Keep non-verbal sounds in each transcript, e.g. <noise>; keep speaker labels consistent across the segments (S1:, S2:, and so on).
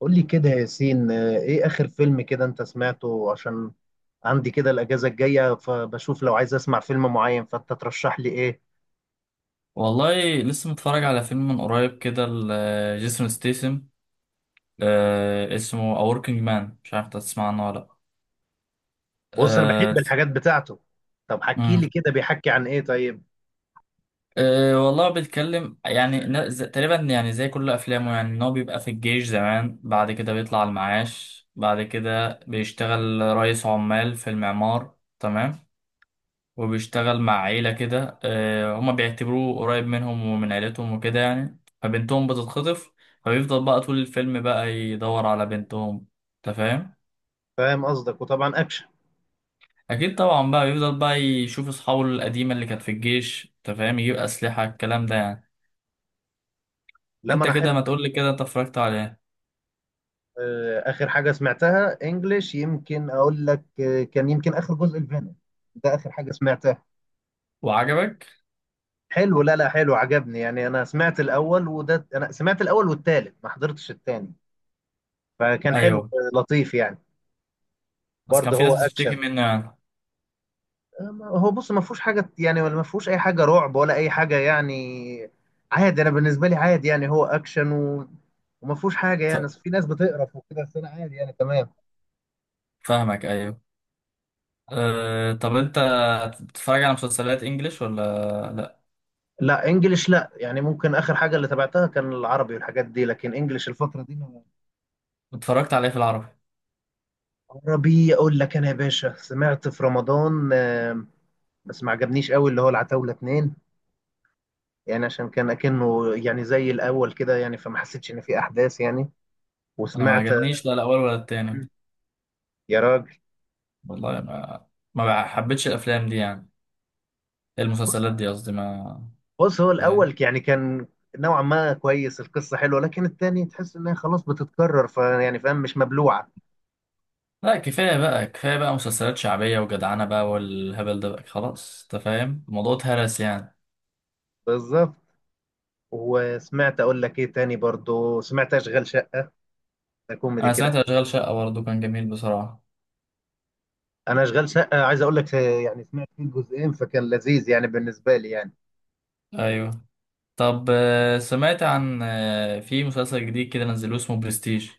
S1: قول لي كده يا ياسين، ايه اخر فيلم كده انت سمعته؟ عشان عندي كده الاجازه الجايه، فبشوف لو عايز اسمع فيلم معين فانت ترشح لي ايه.
S2: والله لسه متفرج على فيلم من قريب كده لجيسون ستيسم، اسمه A Working Man. مش عارف انت تسمع عنه ولا لأ.
S1: بص، انا
S2: آه
S1: بحب
S2: الف-
S1: الحاجات بتاعته. طب حكي
S2: مم.
S1: لي كده، بيحكي عن ايه طيب؟
S2: والله بيتكلم يعني تقريبا يعني زي كل افلامه، يعني ان هو بيبقى في الجيش زمان، بعد كده بيطلع المعاش، بعد كده بيشتغل رئيس عمال في المعمار، تمام. وبيشتغل مع عيلة كده، هما بيعتبروه قريب منهم ومن عيلتهم وكده يعني، فبنتهم بتتخطف. فبيفضل بقى طول الفيلم بقى يدور على بنتهم. انت فاهم؟
S1: فاهم قصدك، وطبعا اكشن.
S2: اكيد طبعا، بقى يفضل بقى يشوف اصحابه القديمة اللي كانت في الجيش، انت فاهم، يجيب اسلحة، الكلام ده يعني.
S1: لما
S2: انت
S1: انا
S2: كده
S1: احب.
S2: ما تقولي كده، انت اتفرجت على ايه؟
S1: اخر حاجه سمعتها انجليش يمكن اقول لك، كان يمكن اخر جزء الفينوم. ده اخر حاجه سمعتها.
S2: وعجبك؟
S1: حلو، لا لا، حلو عجبني يعني. انا سمعت الاول، وده انا سمعت الاول والتالت، ما حضرتش التاني، فكان حلو.
S2: ايوه،
S1: لطيف يعني.
S2: بس كان
S1: برضه
S2: في
S1: هو
S2: ناس بتشتكي
S1: اكشن.
S2: منه يعني.
S1: هو بص ما فيهوش حاجه يعني، ولا ما فيهوش اي حاجه رعب ولا اي حاجه يعني. عادي، انا بالنسبه لي عادي يعني، هو اكشن وما فيهوش حاجه يعني،
S2: ف...
S1: أصل في ناس بتقرف وكده، بس انا عادي يعني، تمام.
S2: فاهمك، ايوه. طب انت بتتفرج على مسلسلات انجليش ولا لا؟
S1: لا انجلش لا، يعني ممكن اخر حاجه اللي تابعتها كان العربي والحاجات دي، لكن انجلش الفتره دي
S2: اتفرجت على ايه في العربي؟
S1: عربي اقول لك انا يا باشا، سمعت في رمضان، بس ما عجبنيش قوي، اللي هو العتاوله اتنين. يعني عشان كان اكنه يعني زي الاول كده يعني، فما حسيتش ان في احداث يعني.
S2: انا ما
S1: وسمعت.
S2: عجبنيش لا الاول ولا التاني.
S1: يا راجل.
S2: والله ما حبيتش الافلام دي يعني، المسلسلات دي قصدي. ما
S1: بص هو
S2: فاهم؟
S1: الاول يعني كان نوعا ما كويس، القصه حلوه، لكن التاني تحس انها خلاص بتتكرر، فيعني فاهم، مش مبلوعه.
S2: لا، كفايه بقى، كفايه بقى مسلسلات شعبيه وجدعنه بقى والهبل ده بقى، خلاص. انت فاهم؟ الموضوع اتهرس يعني.
S1: بالظبط. وسمعت اقول لك ايه تاني، برضو سمعت اشغال شقه، ده كوميدي
S2: انا سمعت
S1: كده.
S2: اشغال شقه برضه، كان جميل بصراحه.
S1: انا اشغال شقه عايز اقول لك يعني سمعت فيه جزئين، فكان لذيذ يعني بالنسبه لي يعني.
S2: ايوه. طب سمعت عن في مسلسل جديد كده نزلوه اسمه برستيج؟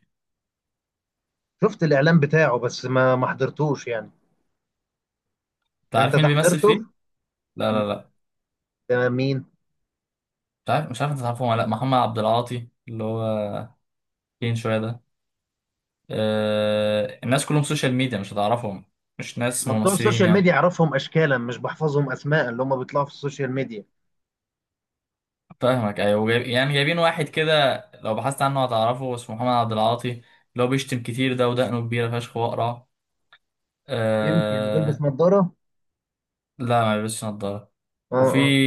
S1: شفت الاعلان بتاعه، بس ما حضرتوش يعني.
S2: انت
S1: انت
S2: عارف مين
S1: ده
S2: اللي بيمثل فيه؟
S1: حضرته؟
S2: لا
S1: م-
S2: لا لا.
S1: ده مين؟
S2: مش عارف انت تعرفه ولا لا. محمد عبد العاطي، اللي هو فين شويه ده، الناس كلهم سوشيال ميديا، مش هتعرفهم. مش ناس
S1: ما بتوع
S2: ممثلين
S1: السوشيال
S2: يعني.
S1: ميديا اعرفهم اشكالا، مش بحفظهم اسماء اللي هم بيطلعوا في السوشيال ميديا.
S2: فاهمك ايوه، جايب يعني جايبين واحد كده، لو بحثت عنه هتعرفه، اسمه محمد عبد العاطي، اللي هو بيشتم كتير ده ودقنه كبيرة فشخ واقرع.
S1: يمكن بلبس
S2: أه.
S1: نظاره.
S2: لا، ما بيلبسش نضارة.
S1: اه
S2: وفي
S1: اه.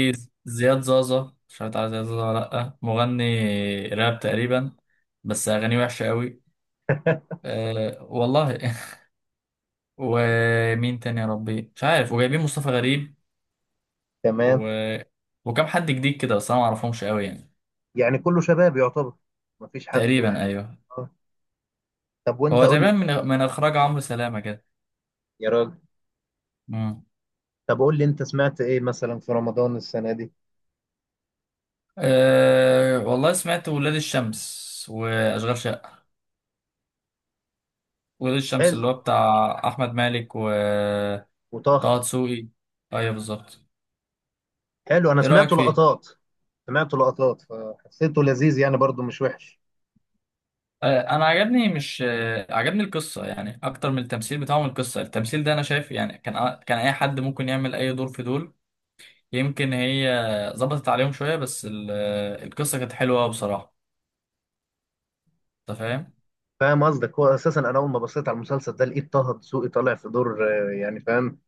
S2: زياد زازا، مش عارف تعرف زياد زازا ولا لأ، مغني راب تقريبا، بس أغانيه وحشة قوي. أه والله <laughs> ومين تاني يا ربي، مش عارف. وجايبين مصطفى غريب، و...
S1: تمام.
S2: وكم حد جديد كده، بس انا ما اعرفهمش قوي يعني.
S1: يعني كله شباب يعتبر، مفيش حد.
S2: تقريبا ايوه.
S1: آه. طب وانت
S2: هو
S1: قول لي.
S2: تقريبا من اخراج عمرو سلامه كده.
S1: يا راجل.
S2: امم.
S1: طب قول لي انت سمعت ايه مثلا في رمضان السنة دي؟
S2: والله سمعت ولاد الشمس واشغال شقه. ولاد الشمس،
S1: حلو.
S2: اللي هو بتاع احمد مالك وطه
S1: وطه.
S2: دسوقي. ايوه بالظبط.
S1: حلو انا
S2: ايه رايك
S1: سمعته
S2: فيه؟
S1: لقطات. سمعته لقطات فحسيته لذيذ يعني، برضو مش وحش.
S2: انا عجبني، مش أه... عجبني القصه يعني اكتر من التمثيل بتاعهم. القصه، التمثيل ده انا شايف يعني كان اي حد ممكن يعمل اي دور في دول. يمكن هي ظبطت عليهم شويه، بس القصه كانت حلوه بصراحه. انت فاهم؟
S1: فاهم قصدك. هو اساسا انا اول ما بصيت على المسلسل ده، لقيت طه دسوقي طالع في دور، يعني فاهم،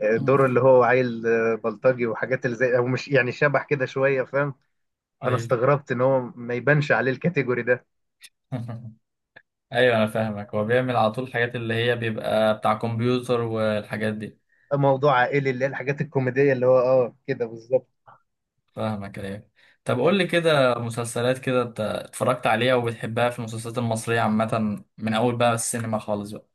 S2: مم.
S1: دور اللي هو عيل، بلطجي، وحاجات اللي زي، او مش يعني شبح كده شويه، فاهم. فانا
S2: ايوه.
S1: استغربت ان هو ما يبانش عليه الكاتيجوري ده.
S2: <laughs> ايوه انا فاهمك، هو بيعمل على طول الحاجات اللي هي بيبقى بتاع كمبيوتر والحاجات دي.
S1: موضوع عائلي، اللي هي الحاجات الكوميديه، اللي هو اه كده بالظبط.
S2: فاهمك ايوه. طب
S1: يعني
S2: قول لي كده مسلسلات كده انت اتفرجت عليها وبتحبها، في المسلسلات المصرية عامة، من اول بقى السينما خالص بقى.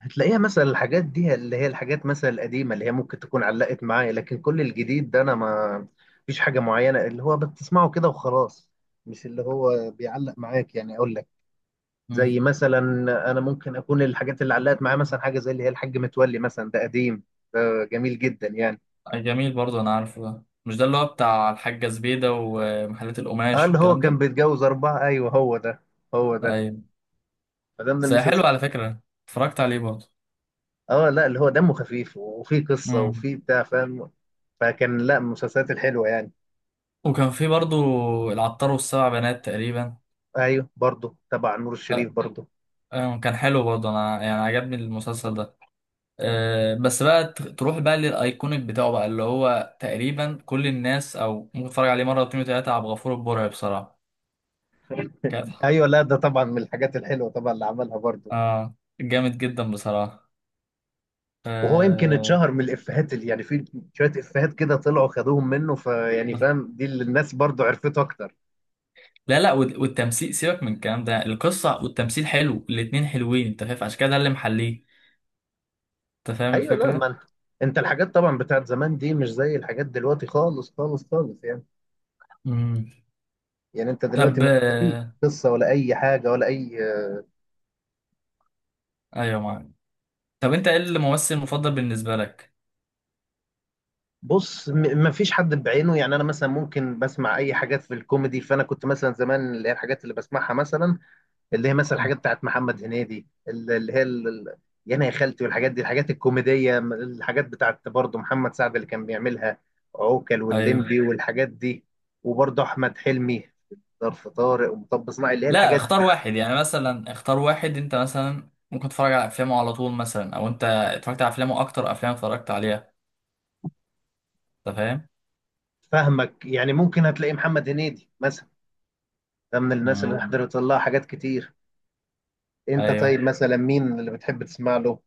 S1: هتلاقيها مثلا، الحاجات دي اللي هي الحاجات مثلا القديمة اللي هي ممكن تكون علقت معايا، لكن كل الجديد ده أنا ما فيش حاجة معينة اللي هو بتسمعه كده وخلاص، مش اللي هو بيعلق معاك، يعني أقول لك.
S2: مم.
S1: زي مثلا أنا ممكن أكون الحاجات اللي علقت معايا، مثلا حاجة زي اللي هي الحاج متولي مثلا، ده قديم، ده جميل جدا يعني.
S2: أي جميل برضو، انا عارفه ده، مش ده اللي هو بتاع الحاجة زبيدة ومحلات
S1: اه،
S2: القماش
S1: اللي هو
S2: والكلام
S1: كان
S2: ده؟
S1: بيتجوز أربعة، أيوه هو ده، هو ده.
S2: ايوه.
S1: فده من
S2: بس هي حلو
S1: المسلسلات.
S2: على فكرة، اتفرجت عليه برضو.
S1: اه لا، اللي هو دمه خفيف، وفيه قصة،
S2: مم.
S1: وفيه بتاع، فاهم. فكان لا، من المسلسلات الحلوة يعني.
S2: وكان في برضو العطار والسبع بنات تقريبا.
S1: ايوه برضه تبع نور الشريف برضه.
S2: كان حلو برضه، انا يعني عجبني المسلسل ده. أه، بس بقى تروح بقى للايكونيك بتاعه بقى، اللي هو تقريبا كل الناس او ممكن تتفرج عليه مره واتنين وتلاته، عبد الغفور البرعي بصراحه، كانت.
S1: ايوه لا ده طبعا من الحاجات الحلوه طبعا اللي عملها برضه.
S2: اه جامد جدا بصراحه.
S1: وهو يمكن
S2: أه.
S1: اتشهر من الافيهات، اللي يعني في شويه افيهات كده طلعوا خدوهم منه، فيعني فاهم، دي اللي الناس برضه عرفته اكتر.
S2: لا لا، والتمثيل، سيبك من الكلام ده، القصه والتمثيل حلو، الاتنين حلوين، انت فاهم؟ عشان كده ده اللي محليه. انت فاهم
S1: ايوه لا ما
S2: الفكره؟
S1: انت، انت الحاجات طبعا بتاعت زمان دي مش زي الحاجات دلوقتي، خالص خالص خالص يعني.
S2: امم.
S1: يعني انت دلوقتي
S2: طب
S1: ما تلاقيش قصه ولا اي حاجه ولا اي.
S2: ايوه معاك. طب انت ايه الممثل المفضل بالنسبه لك؟
S1: بص ما فيش حد بعينه يعني، انا مثلا ممكن بسمع اي حاجات في الكوميدي، فانا كنت مثلا زمان اللي هي الحاجات اللي بسمعها مثلا، اللي هي مثلا
S2: آه.
S1: الحاجات بتاعت محمد هنيدي، اللي هي يانا يا خالتي والحاجات دي، الحاجات الكوميدية، الحاجات بتاعت برضه محمد سعد اللي كان بيعملها، عوكل
S2: ايوه.
S1: واللمبي والحاجات دي. وبرضه أحمد حلمي، ظرف طارق ومطب صناعي، اللي هي
S2: لا،
S1: الحاجات.
S2: اختار واحد يعني، مثلا اختار واحد انت مثلا ممكن تتفرج على افلامه على طول، مثلا او انت اتفرجت على افلامه اكتر افلام اتفرجت عليها. انت فاهم؟
S1: فاهمك، يعني ممكن هتلاقي محمد هنيدي مثلا، ده من الناس اللي
S2: مم.
S1: حضرت لها حاجات كتير. انت
S2: ايوه.
S1: طيب مثلا مين اللي بتحب تسمع له؟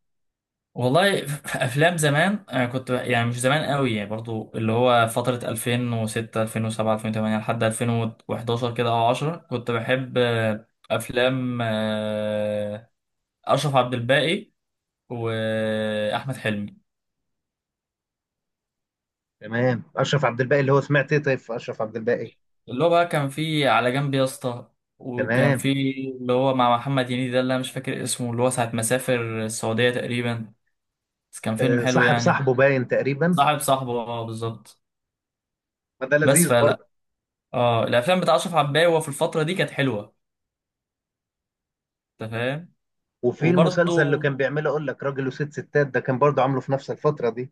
S2: والله في افلام زمان انا كنت يعني مش زمان قوي يعني، برضو اللي هو فترة 2006 2007 2008 لحد 2011 كده او 10، كنت بحب افلام اشرف عبد الباقي واحمد حلمي.
S1: تمام، اشرف عبد الباقي اللي هو سمعت ايه طيب في اشرف عبد الباقي؟
S2: اللي هو بقى كان في على جنب يا اسطى، وكان
S1: تمام.
S2: في اللي هو مع محمد هنيدي ده، اللي انا مش فاكر اسمه، اللي هو ساعة ما سافر السعودية تقريبا، بس كان فيلم
S1: أه
S2: حلو
S1: صاحب
S2: يعني.
S1: صاحبه باين تقريبا.
S2: صاحب صاحبه، اه بالظبط.
S1: فده
S2: بس
S1: لذيذ
S2: فلا.
S1: برضه.
S2: اه، الافلام بتاع اشرف عباية في الفترة دي كانت حلوة. انت فاهم؟
S1: وفي المسلسل اللي
S2: وبرضه
S1: كان بيعمله اقول لك، راجل وست ستات ده، كان برضه عامله في نفس الفترة دي.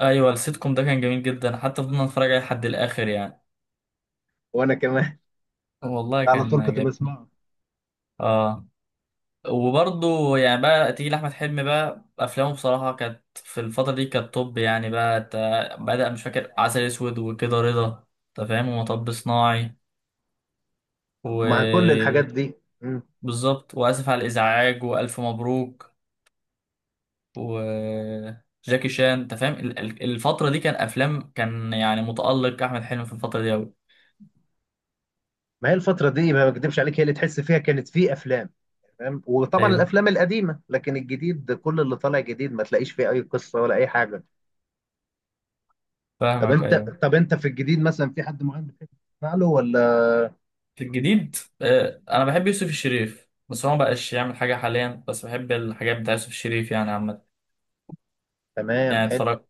S2: ايوه، السيتكم ده كان جميل جدا، حتى فضلنا نتفرج عليه لحد الاخر يعني.
S1: وانا كمان.
S2: والله
S1: <laughs> على
S2: كان
S1: طول كنت
S2: جميل.
S1: بسمعه.
S2: اه. وبرضه يعني بقى تيجي لأحمد حلمي بقى، أفلامه بصراحة كانت في الفترة دي كانت توب يعني، بقى بدأ مش فاكر عسل أسود وكده رضا، أنت فاهم، ومطب صناعي.
S1: مع كل الحاجات
S2: وبالظبط.
S1: دي. مم.
S2: وآسف على الإزعاج، وألف مبروك، وجاكي شان. أنت فاهم؟ الفترة دي كان أفلام، كان يعني متألق أحمد حلمي في الفترة دي أوي.
S1: ما هي الفترة دي ما بكدبش عليك، هي اللي تحس فيها كانت في أفلام. تمام، وطبعا
S2: أيوه.
S1: الأفلام القديمة، لكن الجديد كل اللي طالع جديد ما تلاقيش فيه أي قصة ولا أي حاجة.
S2: فاهمك أيوه.
S1: طب أنت في الجديد مثلا في حد معين بتحب تسمع له ولا؟
S2: في الجديد، أنا بحب يوسف الشريف، بس هو مبقاش يعمل حاجة حاليا، بس بحب الحاجات بتاع يوسف الشريف يعني عامة.
S1: تمام
S2: يعني
S1: حلو.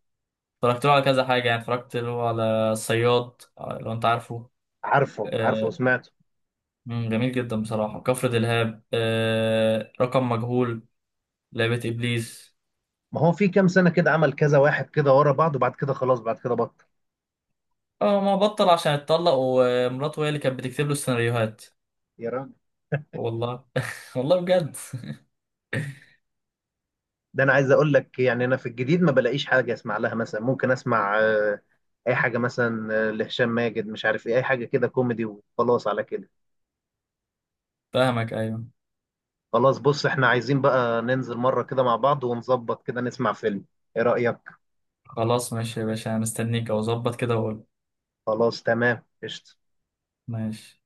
S2: اتفرجت له على كذا حاجة يعني. اتفرجت له على الصياد، لو انت عارفه.
S1: عارفه عارفه
S2: آه،
S1: وسمعته.
S2: مم، جميل جدا بصراحة. كفر دلهاب، رقم مجهول، لعبة إبليس.
S1: ما هو في كام سنة كده عمل كذا واحد كده ورا بعض، وبعد كده خلاص، بعد كده بطل.
S2: اه، ما بطل عشان اتطلق، ومراته هي اللي كانت بتكتب له السيناريوهات.
S1: يا راجل.
S2: والله <laughs> والله بجد. <laughs>
S1: ده انا عايز اقول لك يعني انا في الجديد ما بلاقيش حاجه اسمع لها، مثلا ممكن اسمع اي حاجه مثلا، لهشام ماجد، مش عارف ايه، اي حاجه كده كوميدي وخلاص، على كده.
S2: فاهمك ايوه.
S1: خلاص بص احنا عايزين بقى ننزل مره كده مع بعض ونظبط كده نسمع فيلم، ايه رايك؟
S2: خلاص ماشي يا باشا، انا مستنيك او اظبط كده واقول.
S1: خلاص تمام قشطه.
S2: ماشي.